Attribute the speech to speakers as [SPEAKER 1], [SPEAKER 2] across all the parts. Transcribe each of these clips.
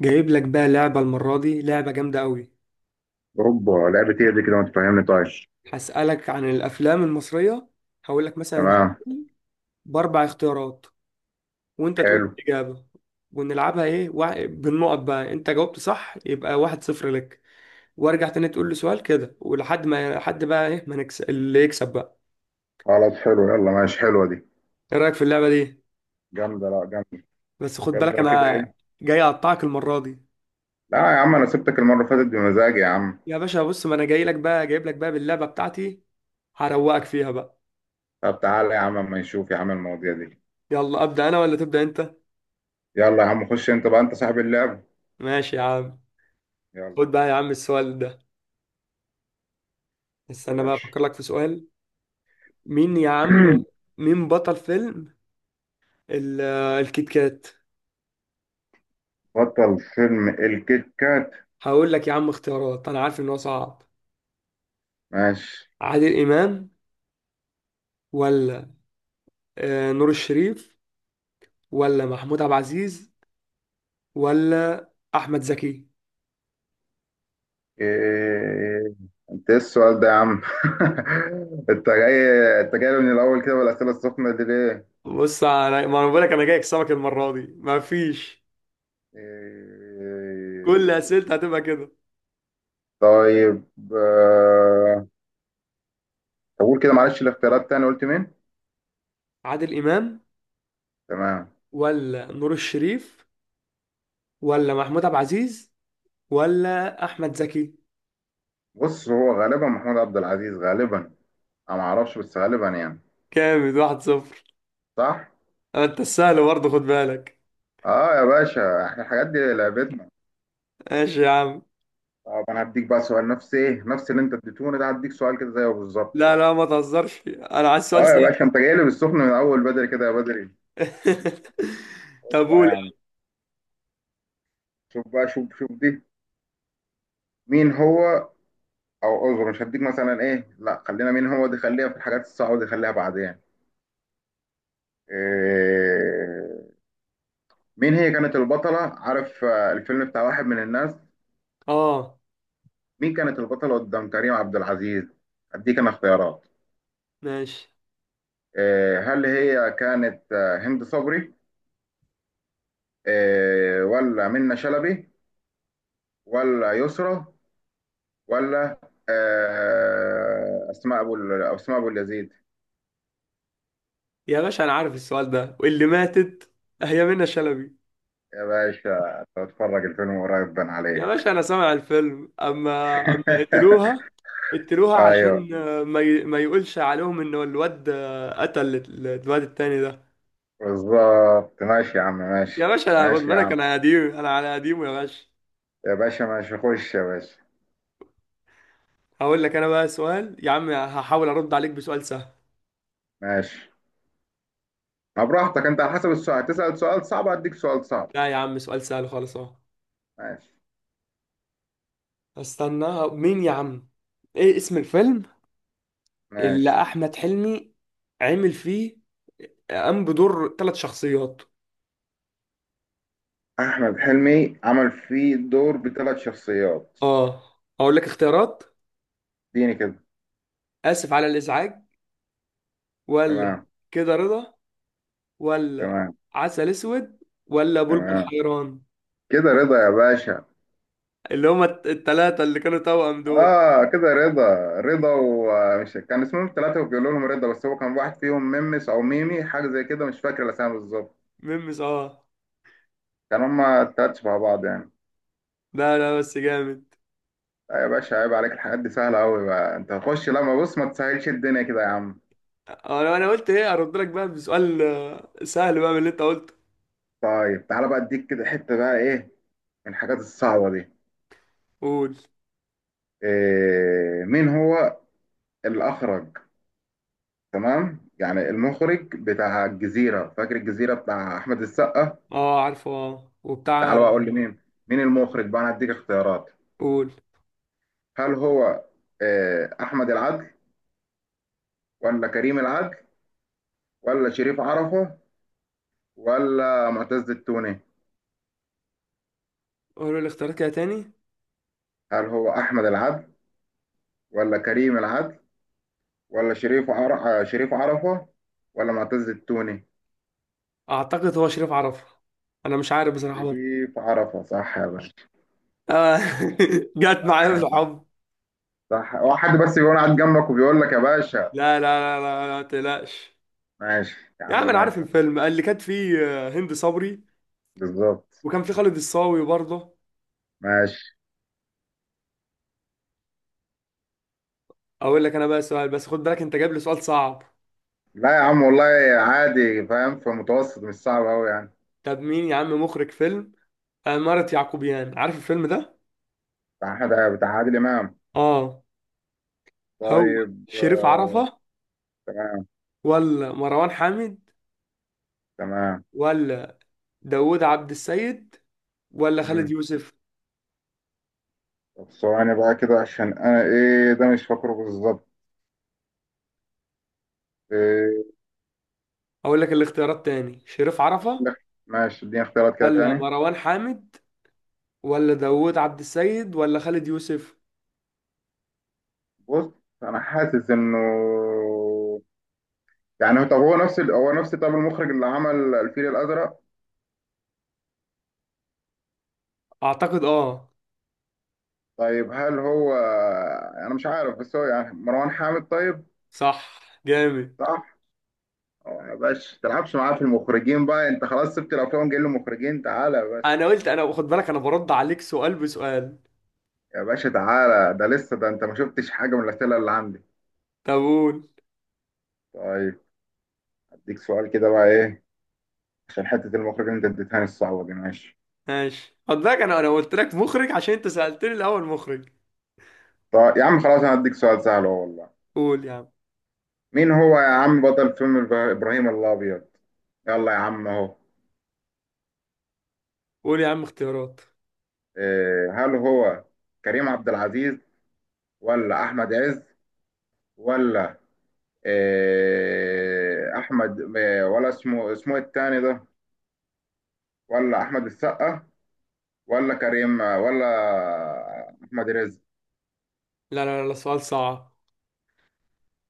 [SPEAKER 1] جايب لك بقى لعبة المرة دي لعبة جامدة قوي.
[SPEAKER 2] اوبا، لعبة ايه دي كده؟ ما تفهمني طيب.
[SPEAKER 1] هسألك عن الأفلام المصرية. هقول لك مثلا
[SPEAKER 2] تمام.
[SPEAKER 1] سؤال بأربع اختيارات، وأنت تقول
[SPEAKER 2] حلو.
[SPEAKER 1] لي الإجابة. ونلعبها إيه بالنقط بقى، أنت جاوبت صح يبقى واحد صفر لك، وأرجع تاني تقول لي سؤال كده ولحد ما حد بقى إيه ما نكسب، اللي يكسب بقى.
[SPEAKER 2] خلاص حلو يلا ماشي. حلوة دي.
[SPEAKER 1] إيه رأيك في اللعبة دي؟
[SPEAKER 2] جامدة، لا جامدة.
[SPEAKER 1] بس خد بالك
[SPEAKER 2] جامدة كده
[SPEAKER 1] أنا
[SPEAKER 2] ايه.
[SPEAKER 1] جاي أقطعك المرة دي.
[SPEAKER 2] لا يا عم، انا سبتك المرة اللي فاتت بمزاجي يا عم.
[SPEAKER 1] يا باشا بص، ما أنا جاي لك بقى، جايب لك بقى باللعبة بتاعتي، هروقك فيها بقى.
[SPEAKER 2] طب تعالى يا عم اما نشوف يا عم المواضيع دي.
[SPEAKER 1] يلا أبدأ أنا ولا تبدأ أنت؟
[SPEAKER 2] يلا يا عم خش انت بقى، انت صاحب اللعب.
[SPEAKER 1] ماشي يا عم.
[SPEAKER 2] يلا.
[SPEAKER 1] خد بقى يا عم السؤال ده،
[SPEAKER 2] خش يا
[SPEAKER 1] استنى بقى
[SPEAKER 2] باشا.
[SPEAKER 1] افكر لك في سؤال. مين يا عم؟ مين بطل فيلم ال- الكيت كات؟
[SPEAKER 2] بطل فيلم الكيت كات.
[SPEAKER 1] هقول لك يا عم اختيارات، انا عارف ان هو صعب.
[SPEAKER 2] ماشي.
[SPEAKER 1] عادل امام، ولا نور الشريف، ولا محمود عبد العزيز، ولا احمد زكي؟
[SPEAKER 2] إيه... انت ايه السؤال ده يا عم؟ انت جاي، انت جاي من الاول كده بالاسئله السخنه دي ليه؟
[SPEAKER 1] بص انا، ما انا بقول لك انا جاي اكسبك المره دي، ما فيش، كل
[SPEAKER 2] إيه...
[SPEAKER 1] اسئلتي هتبقى كده.
[SPEAKER 2] طيب. آه، طب قول كده معلش الاختيارات تاني، قلت مين؟
[SPEAKER 1] عادل امام،
[SPEAKER 2] تمام.
[SPEAKER 1] ولا نور الشريف، ولا محمود عبد العزيز، ولا احمد زكي.
[SPEAKER 2] بص هو غالبا محمود عبد العزيز، غالبا. انا ما اعرفش بس غالبا يعني.
[SPEAKER 1] كامل، واحد صفر.
[SPEAKER 2] صح؟
[SPEAKER 1] انت السهل برضه، خد بالك.
[SPEAKER 2] اه يا باشا احنا الحاجات دي لعبتنا.
[SPEAKER 1] ماشي يا عم.
[SPEAKER 2] طب انا هديك بقى سؤال، نفس ايه؟ نفس اللي انت اديتوني ده، هديك سؤال كده زيه بالظبط
[SPEAKER 1] لا
[SPEAKER 2] بقى.
[SPEAKER 1] لا، ما تهزرش، انا عايز سؤال
[SPEAKER 2] اه يا
[SPEAKER 1] سهل.
[SPEAKER 2] باشا انت جاي لي بالسخن من اول بدري كده، يا بدري. خد
[SPEAKER 1] طب
[SPEAKER 2] بقى
[SPEAKER 1] قول
[SPEAKER 2] يا عم.
[SPEAKER 1] يا
[SPEAKER 2] شوف بقى، شوف دي. مين هو. او اعذر، مش هديك مثلا ايه، لا خلينا مين هو دي، خليها في الحاجات الصعبه دي، خليها بعدين. إيه. مين هي كانت البطلة، عارف الفيلم بتاع واحد من الناس؟
[SPEAKER 1] عم. اه.
[SPEAKER 2] مين كانت البطلة قدام كريم عبد العزيز؟ أديك أنا اختيارات.
[SPEAKER 1] ماشي.
[SPEAKER 2] هل هي كانت هند صبري؟ ولا منة شلبي؟ ولا يسرا؟ ولا أسماء أبو اليزيد؟
[SPEAKER 1] يا باشا انا عارف السؤال ده، واللي ماتت هي منى شلبي.
[SPEAKER 2] يا باشا تتفرج الفيلم قريب، بان
[SPEAKER 1] يا
[SPEAKER 2] عليك.
[SPEAKER 1] باشا انا سامع الفيلم، اما قتلوها. قتلوها
[SPEAKER 2] أيوه
[SPEAKER 1] عشان ما يقولش عليهم ان الواد قتل الواد التاني ده.
[SPEAKER 2] بالظبط، ماشي يا عم
[SPEAKER 1] يا
[SPEAKER 2] ماشي.
[SPEAKER 1] باشا لا، خد
[SPEAKER 2] ماشي يا
[SPEAKER 1] بالك،
[SPEAKER 2] عم.
[SPEAKER 1] انا قديم، انا على قديمه يا باشا.
[SPEAKER 2] يا باشا ماشي، خش يا باشا.
[SPEAKER 1] هقول لك انا بقى سؤال يا عم، هحاول ارد عليك بسؤال سهل.
[SPEAKER 2] ماشي، ما براحتك انت، على حسب السؤال تسأل، سؤال صعب اديك سؤال صعب.
[SPEAKER 1] لا يا عم، سؤال سهل خالص اهو.
[SPEAKER 2] ماشي.
[SPEAKER 1] استنى، مين يا عم؟ ايه اسم الفيلم اللي
[SPEAKER 2] ماشي.
[SPEAKER 1] احمد حلمي عامل فيه، قام بدور ثلاث شخصيات؟
[SPEAKER 2] احمد حلمي عمل فيه دور بثلاث شخصيات.
[SPEAKER 1] اه. اقول لك اختيارات.
[SPEAKER 2] اديني كده.
[SPEAKER 1] اسف على الازعاج، ولا
[SPEAKER 2] تمام.
[SPEAKER 1] كده رضا، ولا
[SPEAKER 2] تمام.
[SPEAKER 1] عسل اسود، ولا بلبل
[SPEAKER 2] تمام.
[SPEAKER 1] حيران؟
[SPEAKER 2] كده رضا يا باشا.
[SPEAKER 1] اللي هما الثلاثه اللي كانوا توأم دول.
[SPEAKER 2] اه كده رضا. رضا، ومش كان اسمهم ثلاثة وبيقولوا لهم رضا؟ بس هو كان واحد فيهم ميمس او ميمي، حاجة زي كده، مش فاكر الاسامي بالظبط.
[SPEAKER 1] ميمس، اه.
[SPEAKER 2] كان هما التلات شبه بعض يعني.
[SPEAKER 1] لا لا، بس جامد.
[SPEAKER 2] لا يا باشا عيب عليك، الحاجات دي سهلة قوي بقى. انت هتخش لما بص، ما تسهلش الدنيا كده يا عم.
[SPEAKER 1] انا قلت ايه ارد لك بقى بسؤال سهل بقى من اللي انت قلته.
[SPEAKER 2] طيب تعالى بقى، اديك كده حتة بقى ايه، من الحاجات الصعبة دي.
[SPEAKER 1] قول.
[SPEAKER 2] إيه، مين هو الأخرج، تمام يعني المخرج بتاع الجزيرة، فاكر الجزيرة بتاع أحمد السقا؟
[SPEAKER 1] اه عارفه، اه، وبتاع.
[SPEAKER 2] تعال بقى أقول لي مين، مين المخرج بقى، أنا هديك اختيارات.
[SPEAKER 1] قول.
[SPEAKER 2] هل هو إيه، أحمد العدل؟ ولا كريم العدل؟ ولا شريف عرفة؟ ولا معتز التوني؟
[SPEAKER 1] قولوا لي اختيارات كده تاني.
[SPEAKER 2] هل هو أحمد العدل؟ ولا كريم العدل؟ ولا شريف عرفة؟ ولا معتز التوني؟
[SPEAKER 1] اعتقد هو شريف عرفة، انا مش عارف بصراحة برضه.
[SPEAKER 2] شريف عرفة صح يا باشا.
[SPEAKER 1] آه. جت معايا
[SPEAKER 2] صح.
[SPEAKER 1] بالحب.
[SPEAKER 2] صح، هو حد بس يكون قاعد جنبك وبيقول لك يا باشا.
[SPEAKER 1] لا لا لا لا لا، ما تقلقش.
[SPEAKER 2] ماشي يا
[SPEAKER 1] يا
[SPEAKER 2] عم
[SPEAKER 1] عم انا عارف
[SPEAKER 2] ماشي.
[SPEAKER 1] الفيلم اللي كانت فيه هند صبري،
[SPEAKER 2] بالظبط.
[SPEAKER 1] وكان فيه خالد الصاوي برضه.
[SPEAKER 2] ماشي.
[SPEAKER 1] اقول لك انا بقى سؤال، بس خد بالك انت جايب لي سؤال صعب.
[SPEAKER 2] لا يا عم والله، عادي، فاهم في متوسط مش صعب قوي يعني.
[SPEAKER 1] طب مين يا عم مخرج فيلم عمارة يعقوبيان؟ عارف الفيلم ده؟
[SPEAKER 2] بتاع عادل امام.
[SPEAKER 1] اه. هو
[SPEAKER 2] طيب
[SPEAKER 1] شريف عرفة،
[SPEAKER 2] تمام.
[SPEAKER 1] ولا مروان حامد،
[SPEAKER 2] تمام.
[SPEAKER 1] ولا داوود عبد السيد، ولا خالد
[SPEAKER 2] مم.
[SPEAKER 1] يوسف؟
[SPEAKER 2] طب ثواني بقى كده، عشان انا ايه ده مش فاكره بالظبط. إيه.
[SPEAKER 1] اقول لك الاختيارات تاني، شريف عرفة،
[SPEAKER 2] لك ماشي، اديني اختيارات كده
[SPEAKER 1] ولا
[SPEAKER 2] تاني.
[SPEAKER 1] مروان حامد، ولا داوود عبد السيد، ولا خالد يوسف.
[SPEAKER 2] بص انا حاسس انه يعني، طب هو نفس هو نفس، طب المخرج اللي عمل الفيل الازرق.
[SPEAKER 1] اعتقد اه.
[SPEAKER 2] طيب هل هو، انا مش عارف بس هو يعني مروان حامد، طيب؟
[SPEAKER 1] صح، جامد.
[SPEAKER 2] صح. أه يا باشا تلعبش معاه في المخرجين بقى، انت خلاص سبت الافلام جاي له مخرجين، تعالى يا باشا.
[SPEAKER 1] انا قلت، انا خد بالك، انا برد عليك سؤال بسؤال.
[SPEAKER 2] يا باشا تعالى، ده لسه ده، انت ما شفتش حاجه من الاسئله اللي عندي.
[SPEAKER 1] طب قول.
[SPEAKER 2] طيب هديك سؤال كده بقى ايه، عشان حته المخرجين انت اديتهاني الصعبه دي، ماشي.
[SPEAKER 1] ماشي خد بالك، انا قلت لك مخرج عشان انت سألتني الاول مخرج.
[SPEAKER 2] طيب يا عم خلاص انا هديك سؤال سهل اهو والله.
[SPEAKER 1] قول يا عم.
[SPEAKER 2] مين هو يا عم بطل فيلم ابراهيم الابيض؟ يلا يا عم اهو.
[SPEAKER 1] قول يا عم اختيارات.
[SPEAKER 2] إيه، هل هو كريم عبد العزيز؟ ولا احمد عز؟ ولا احمد ولا اسمه، اسمه التاني ده، ولا احمد السقا؟ ولا كريم ولا احمد رزق؟
[SPEAKER 1] لا لا لا لا، سؤال صعب.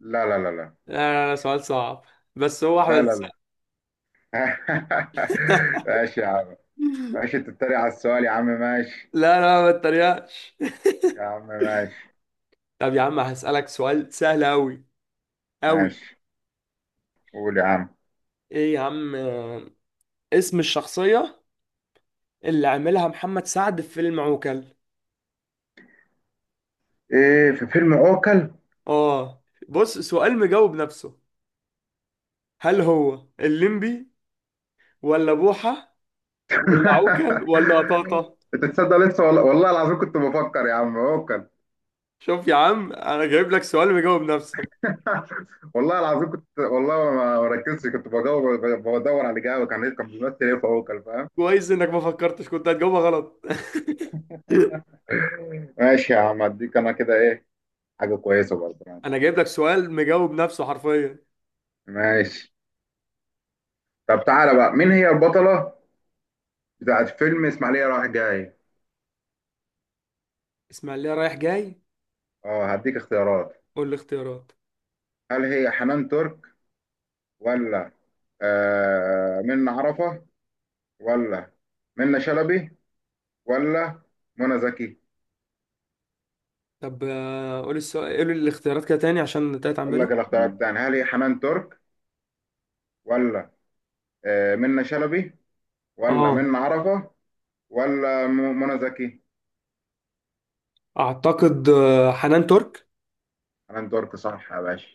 [SPEAKER 2] لا لا لا لا.
[SPEAKER 1] لا لا لا، سؤال صعب، بس هو احمد
[SPEAKER 2] لا لا
[SPEAKER 1] السقا.
[SPEAKER 2] لا. ماشي يا عم. ماشي، انت بتتريق على السؤال يا عم، ماشي.
[SPEAKER 1] لا لا، ما تتريقش.
[SPEAKER 2] يا عم ماشي.
[SPEAKER 1] طب يا عم هسألك سؤال سهل أوي أوي.
[SPEAKER 2] ماشي. قول يا عم.
[SPEAKER 1] ايه يا عم اسم الشخصية اللي عملها محمد سعد في فيلم عوكل؟
[SPEAKER 2] ايه في فيلم اوكل؟
[SPEAKER 1] اه. بص، سؤال مجاوب نفسه. هل هو الليمبي، ولا بوحة، ولا عوكل، ولا قطاطة؟
[SPEAKER 2] انت تصدق لسه والله، والله العظيم كنت بفكر يا عم اوكل.
[SPEAKER 1] شوف يا عم، انا جايب لك سؤال مجاوب نفسه.
[SPEAKER 2] والله العظيم كنت، والله ما ركزتش، كنت بدور، بدور على الاجابه، كان كان بيمثل ايه في اوكل، فاهم؟
[SPEAKER 1] كويس انك ما فكرتش، كنت هتجاوبها غلط.
[SPEAKER 2] ماشي يا عم، اديك انا كده ايه، حاجه كويسه برضه يعني.
[SPEAKER 1] انا جايب لك سؤال مجاوب نفسه حرفيا.
[SPEAKER 2] ماشي. طب تعالى بقى، مين هي البطله بتاعت فيلم اسماعيليه رايح جاي؟
[SPEAKER 1] اسماعيلية رايح جاي.
[SPEAKER 2] اه هديك اختيارات.
[SPEAKER 1] قول لي اختيارات.
[SPEAKER 2] هل هي حنان ترك؟ ولا آه منة عرفه؟ ولا منة شلبي؟ ولا منى زكي؟
[SPEAKER 1] طب قول السؤال، قول الاختيارات كده تاني عشان تتعب
[SPEAKER 2] اقول
[SPEAKER 1] بالي.
[SPEAKER 2] لك الاختيارات التانية، هل هي حنان ترك؟ ولا آه منة شلبي؟ ولا
[SPEAKER 1] اه.
[SPEAKER 2] منة عرفه؟ ولا منى زكي؟
[SPEAKER 1] اعتقد حنان ترك.
[SPEAKER 2] حنان ترك صح يا باشا.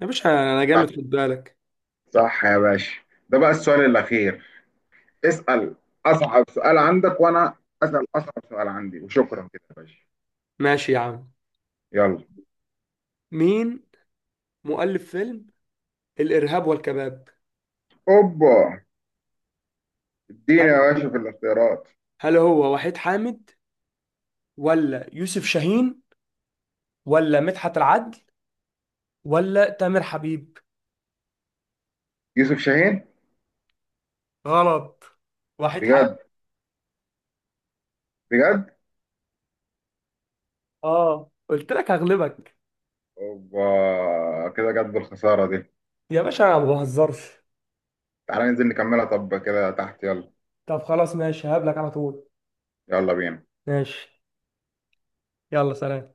[SPEAKER 1] يا باشا انا جامد، خد بالك.
[SPEAKER 2] صح يا باشا. ده بقى السؤال الأخير، اسأل أصعب سؤال عندك، وأنا أسأل أصعب سؤال عندي، وشكرا كده يا باشا.
[SPEAKER 1] ماشي يا عم.
[SPEAKER 2] يلا.
[SPEAKER 1] مين مؤلف فيلم الارهاب والكباب؟
[SPEAKER 2] أوبا، اديني
[SPEAKER 1] هل
[SPEAKER 2] يا
[SPEAKER 1] هو
[SPEAKER 2] باشا في الاختيارات.
[SPEAKER 1] هل هو وحيد حامد، ولا يوسف شاهين، ولا مدحت العدل، ولا تامر حبيب؟
[SPEAKER 2] يوسف شاهين.
[SPEAKER 1] غلط. وحيد حامد.
[SPEAKER 2] بجد؟ بجد؟
[SPEAKER 1] اه، قلت لك هغلبك.
[SPEAKER 2] أوبا، كده جت بالخسارة دي.
[SPEAKER 1] يا باشا انا ما بهزرش.
[SPEAKER 2] تعالى ننزل نكملها طب كده تحت، يلا.
[SPEAKER 1] طب خلاص ماشي، هقابلك على طول.
[SPEAKER 2] يلا بينا.
[SPEAKER 1] ماشي. يلا سلام.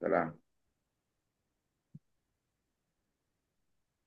[SPEAKER 2] سلام.